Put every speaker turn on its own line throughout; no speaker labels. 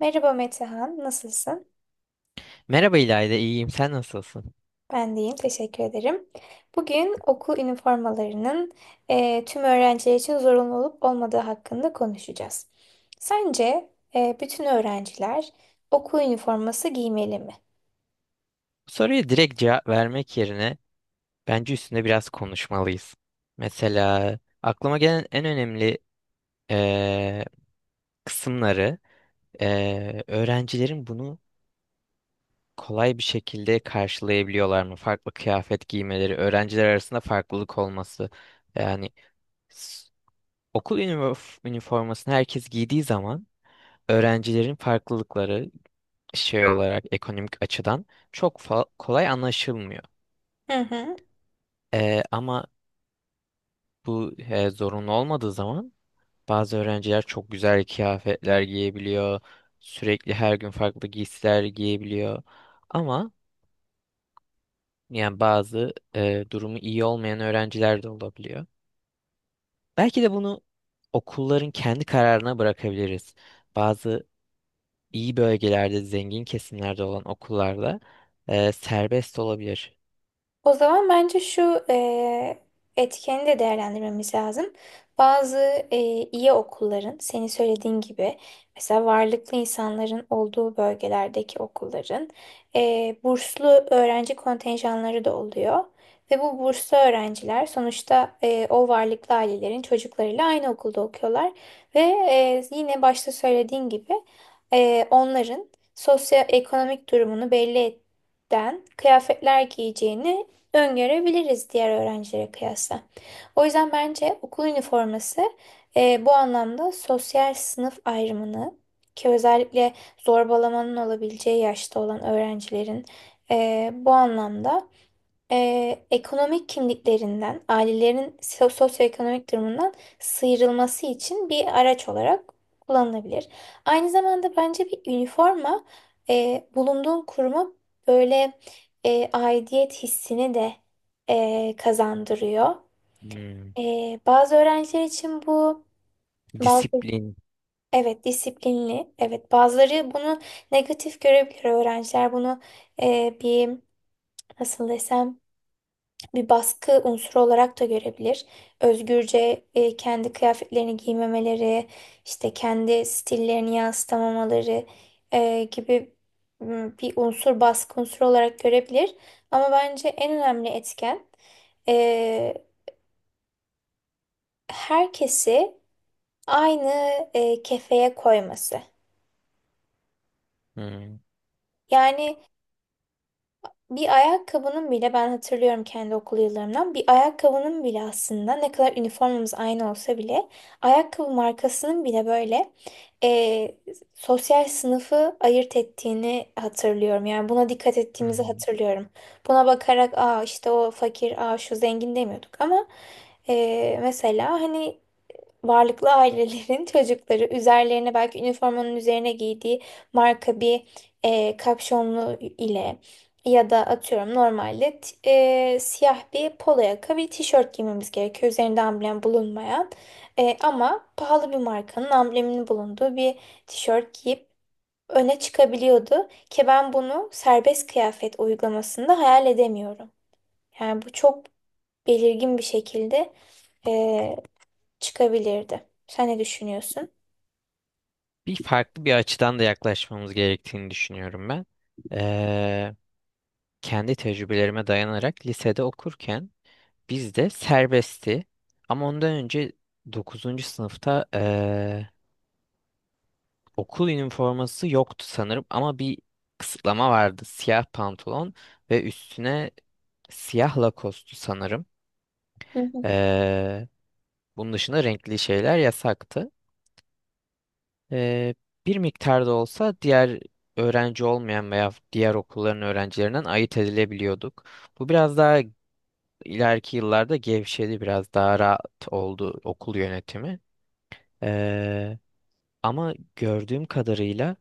Merhaba Metehan, nasılsın?
Merhaba İlayda, iyiyim. Sen nasılsın?
Ben de iyiyim, teşekkür ederim. Bugün okul üniformalarının tüm öğrenciler için zorunlu olup olmadığı hakkında konuşacağız. Sence bütün öğrenciler okul üniforması giymeli mi?
Bu soruya direkt cevap vermek yerine bence üstünde biraz konuşmalıyız. Mesela aklıma gelen en önemli eee, kısımları, öğrencilerin bunu kolay bir şekilde karşılayabiliyorlar mı? Farklı kıyafet giymeleri, öğrenciler arasında farklılık olması. Yani s- okul üniformasını herkes giydiği zaman öğrencilerin farklılıkları şey olarak ekonomik açıdan çok kolay anlaşılmıyor.
Hı hı.
Ama bu zorunlu olmadığı zaman bazı öğrenciler çok güzel kıyafetler giyebiliyor. Sürekli her gün farklı giysiler giyebiliyor. Ama yani bazı durumu iyi olmayan öğrenciler de olabiliyor. Belki de bunu okulların kendi kararına bırakabiliriz. Bazı iyi bölgelerde, zengin kesimlerde olan okullarda serbest olabilir.
O zaman bence şu etkeni de değerlendirmemiz lazım. Bazı iyi okulların, senin söylediğin gibi mesela varlıklı insanların olduğu bölgelerdeki okulların burslu öğrenci kontenjanları da oluyor. Ve bu burslu öğrenciler sonuçta o varlıklı ailelerin çocuklarıyla aynı okulda okuyorlar. Ve yine başta söylediğin gibi onların sosyoekonomik durumunu belli eden kıyafetler giyeceğini öngörebiliriz diğer öğrencilere kıyasla. O yüzden bence okul üniforması bu anlamda sosyal sınıf ayrımını, ki özellikle zorbalamanın olabileceği yaşta olan öğrencilerin bu anlamda ekonomik kimliklerinden, ailelerin sosyoekonomik durumundan sıyrılması için bir araç olarak kullanılabilir. Aynı zamanda bence bir üniforma bulunduğun kuruma böyle aidiyet hissini de kazandırıyor.
Hmm.
Bazı öğrenciler için bu bazı
Disiplin.
evet, disiplinli, evet, bazıları bunu negatif görebilir, öğrenciler bunu bir, nasıl desem, bir baskı unsuru olarak da görebilir. Özgürce kendi kıyafetlerini giymemeleri, işte kendi stillerini yansıtamamaları gibi bir unsur baskı unsuru olarak görebilir. Ama bence en önemli etken e, herkesi aynı kefeye koyması.
Hmm.
Yani bir ayakkabının bile, ben hatırlıyorum kendi okul yıllarımdan, bir ayakkabının bile aslında, ne kadar üniformamız aynı olsa bile, ayakkabı markasının bile böyle eee, sosyal sınıfı ayırt ettiğini hatırlıyorum. Yani buna dikkat
Hı
ettiğimizi
hı.
hatırlıyorum. Buna bakarak işte o fakir, şu zengin demiyorduk ama mesela hani varlıklı ailelerin çocukları üzerlerine belki üniformanın üzerine giydiği marka bir kapşonlu ile, ya da atıyorum, normalde siyah bir polo yaka bir tişört giymemiz gerekiyor, üzerinde amblem bulunmayan. Ama pahalı bir markanın ambleminin bulunduğu bir tişört giyip öne çıkabiliyordu, ki ben bunu serbest kıyafet uygulamasında hayal edemiyorum. Yani bu çok belirgin bir şekilde e, çıkabilirdi. Sen ne düşünüyorsun?
Farklı bir açıdan da yaklaşmamız gerektiğini düşünüyorum ben. Eee, Kendi tecrübelerime dayanarak lisede okurken bizde serbestti. Ama ondan önce dokuzuncu sınıfta okul üniforması yoktu sanırım, ama bir kısıtlama vardı. Siyah pantolon ve üstüne siyah lakostu sanırım.
Hı hı.
Eee, Bunun dışında renkli şeyler yasaktı. Eee, Bir miktar da olsa diğer öğrenci olmayan veya diğer okulların öğrencilerinden ayırt edilebiliyorduk. Bu biraz daha ileriki yıllarda gevşedi, biraz daha rahat oldu okul yönetimi. Eee, Ama gördüğüm kadarıyla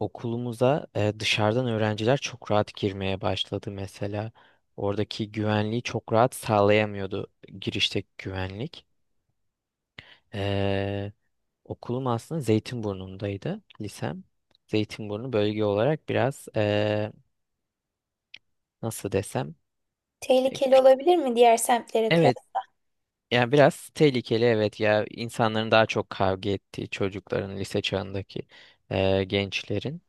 okulumuza dışarıdan öğrenciler çok rahat girmeye başladı mesela. Oradaki güvenliği çok rahat sağlayamıyordu girişteki güvenlik. Okulum aslında Zeytinburnu'ndaydı, lisem. Zeytinburnu bölge olarak biraz nasıl desem, e,
Tehlikeli
kü-
olabilir mi diğer semtlere
evet,
kıyasla?
yani biraz tehlikeli, evet ya, insanların daha çok kavga ettiği, çocukların lise çağındaki gençlerin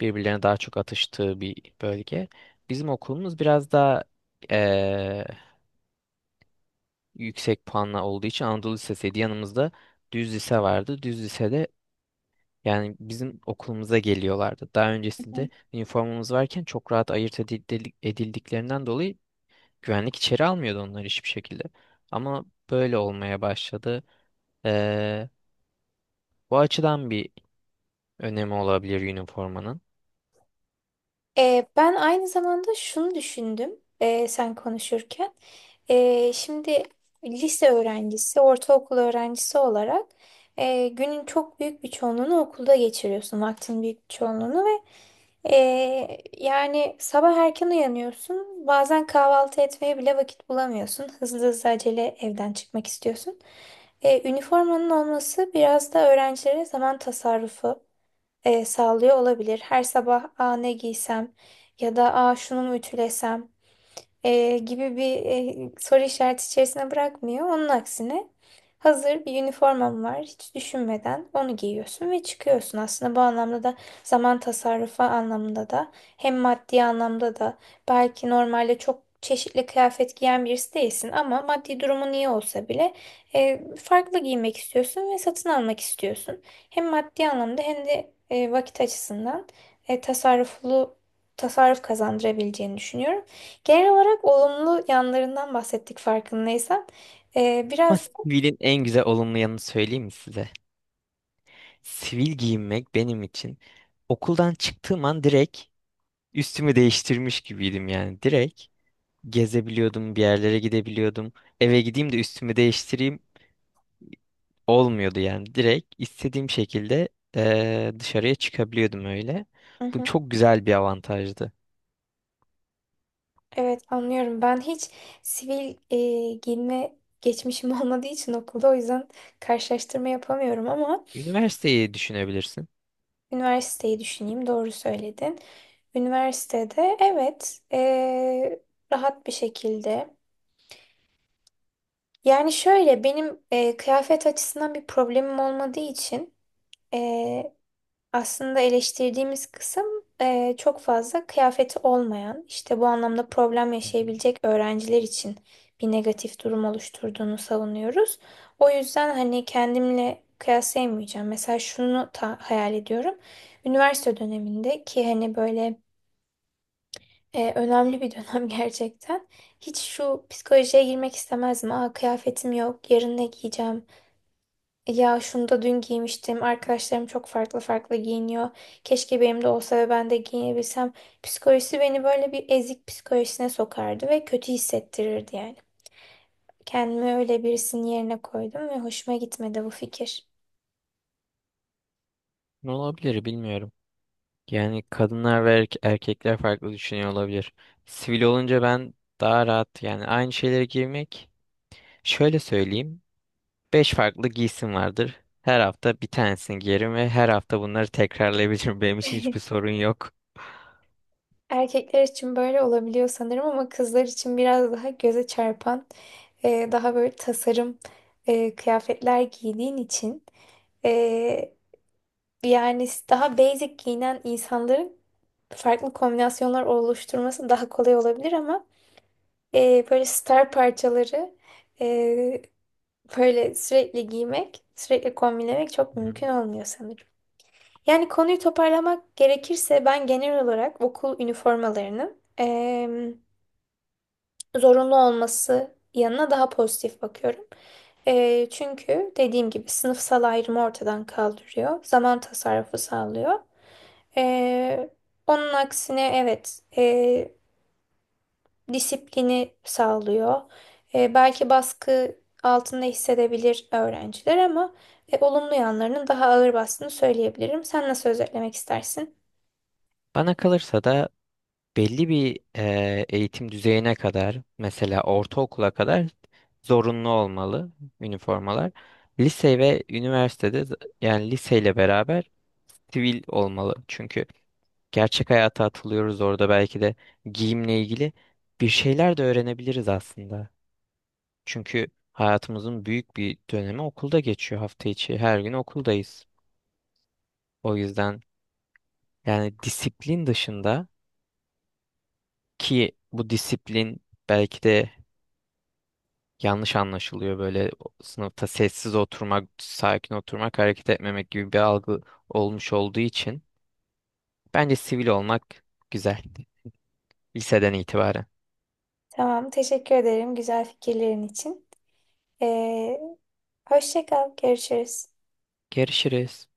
birbirlerine daha çok atıştığı bir bölge. Bizim okulumuz biraz daha eee, yüksek puanla olduğu için Anadolu Lisesi'ydi. Yanımızda düz lise vardı. Düz lisede, yani bizim okulumuza geliyorlardı. Daha öncesinde üniformamız varken çok rahat ayırt edildiklerinden dolayı güvenlik içeri almıyordu onları hiçbir şekilde. Ama böyle olmaya başladı. Ee, Bu açıdan bir önemi olabilir üniformanın.
Ben aynı zamanda şunu düşündüm sen konuşurken. Şimdi lise öğrencisi, ortaokul öğrencisi olarak günün çok büyük bir çoğunluğunu okulda geçiriyorsun. Vaktin büyük bir çoğunluğunu, ve yani, sabah erken uyanıyorsun. Bazen kahvaltı etmeye bile vakit bulamıyorsun. Hızlı hızlı acele evden çıkmak istiyorsun. Üniformanın olması biraz da öğrencilere zaman tasarrufu sağlıyor olabilir. Her sabah ne giysem, ya da şunu mu ütülesem gibi bir soru işareti içerisine bırakmıyor. Onun aksine, hazır bir üniformam var, hiç düşünmeden onu giyiyorsun ve çıkıyorsun. Aslında bu anlamda da, zaman tasarrufu anlamında da, hem maddi anlamda da, belki normalde çok çeşitli kıyafet giyen birisi değilsin ama maddi durumun iyi olsa bile farklı giymek istiyorsun ve satın almak istiyorsun. Hem maddi anlamda hem de vakit açısından e, tasarruflu tasarruf kazandırabileceğini düşünüyorum. Genel olarak olumlu yanlarından bahsettik farkındaysan.
Ama
Biraz.
sivilin en güzel olumlu yanını söyleyeyim mi size? Sivil giyinmek benim için okuldan çıktığım an direkt üstümü değiştirmiş gibiydim yani. Direkt gezebiliyordum, bir yerlere gidebiliyordum. Eve gideyim de üstümü değiştireyim, olmuyordu yani. Direkt istediğim şekilde dışarıya çıkabiliyordum öyle.
Hı
Bu
hı.
çok güzel bir avantajdı.
Evet, anlıyorum. Ben hiç sivil giyinme geçmişim olmadığı için okulda, o yüzden karşılaştırma yapamıyorum ama
Üniversiteyi düşünebilirsin.
üniversiteyi düşüneyim. Doğru söyledin. Üniversitede, evet, rahat bir şekilde. Yani şöyle, benim kıyafet açısından bir problemim olmadığı için. Aslında eleştirdiğimiz kısım çok fazla kıyafeti olmayan, işte bu anlamda problem
Hı hı.
yaşayabilecek öğrenciler için bir negatif durum oluşturduğunu savunuyoruz. O yüzden hani kendimle kıyaslayamayacağım. Mesela şunu hayal ediyorum. Üniversite döneminde, ki hani böyle önemli bir dönem gerçekten. Hiç şu psikolojiye girmek istemezdim: aa, kıyafetim yok, yarın ne giyeceğim? Ya şunu da dün giymiştim. Arkadaşlarım çok farklı farklı giyiniyor. Keşke benim de olsa ve ben de giyinebilsem. Psikolojisi beni böyle bir ezik psikolojisine sokardı ve kötü hissettirirdi yani. Kendimi öyle birisinin yerine koydum ve hoşuma gitmedi bu fikir.
Ne olabilir bilmiyorum. Yani kadınlar ve erkekler farklı düşünüyor olabilir. Sivil olunca ben daha rahat, yani aynı şeylere girmek. Şöyle söyleyeyim. 5 farklı giysim vardır. Her hafta bir tanesini giyerim ve her hafta bunları tekrarlayabilirim. Benim için hiçbir sorun yok.
Erkekler için böyle olabiliyor sanırım ama kızlar için biraz daha göze çarpan, daha böyle tasarım kıyafetler giydiğin için. Yani daha basic giyinen insanların farklı kombinasyonlar oluşturması daha kolay olabilir, ama böyle star parçaları e, böyle sürekli giymek, sürekli kombinlemek çok
Hı.
mümkün olmuyor sanırım. Yani konuyu toparlamak gerekirse, ben genel olarak okul üniformalarının zorunlu olması yanına daha pozitif bakıyorum. Çünkü dediğim gibi, sınıfsal ayrımı ortadan kaldırıyor, zaman tasarrufu sağlıyor. Ee, Onun aksine, evet, disiplini sağlıyor. Belki baskı altında hissedebilir öğrenciler, ama olumlu yanlarının daha ağır bastığını söyleyebilirim. Sen nasıl özetlemek istersin?
Bana kalırsa da belli bir eğitim düzeyine kadar, mesela ortaokula kadar zorunlu olmalı üniformalar. Lise ve üniversitede yani liseyle beraber sivil olmalı. Çünkü gerçek hayata atılıyoruz orada, belki de giyimle ilgili bir şeyler de öğrenebiliriz aslında. Çünkü hayatımızın büyük bir dönemi okulda geçiyor, hafta içi. Her gün okuldayız. O yüzden yani disiplin dışında, ki bu disiplin belki de yanlış anlaşılıyor, böyle sınıfta sessiz oturmak, sakin oturmak, hareket etmemek gibi bir algı olmuş olduğu için bence sivil olmak güzel, liseden itibaren.
Tamam, teşekkür ederim güzel fikirlerin için. Ee, Hoşça kal, görüşürüz.
Görüşürüz.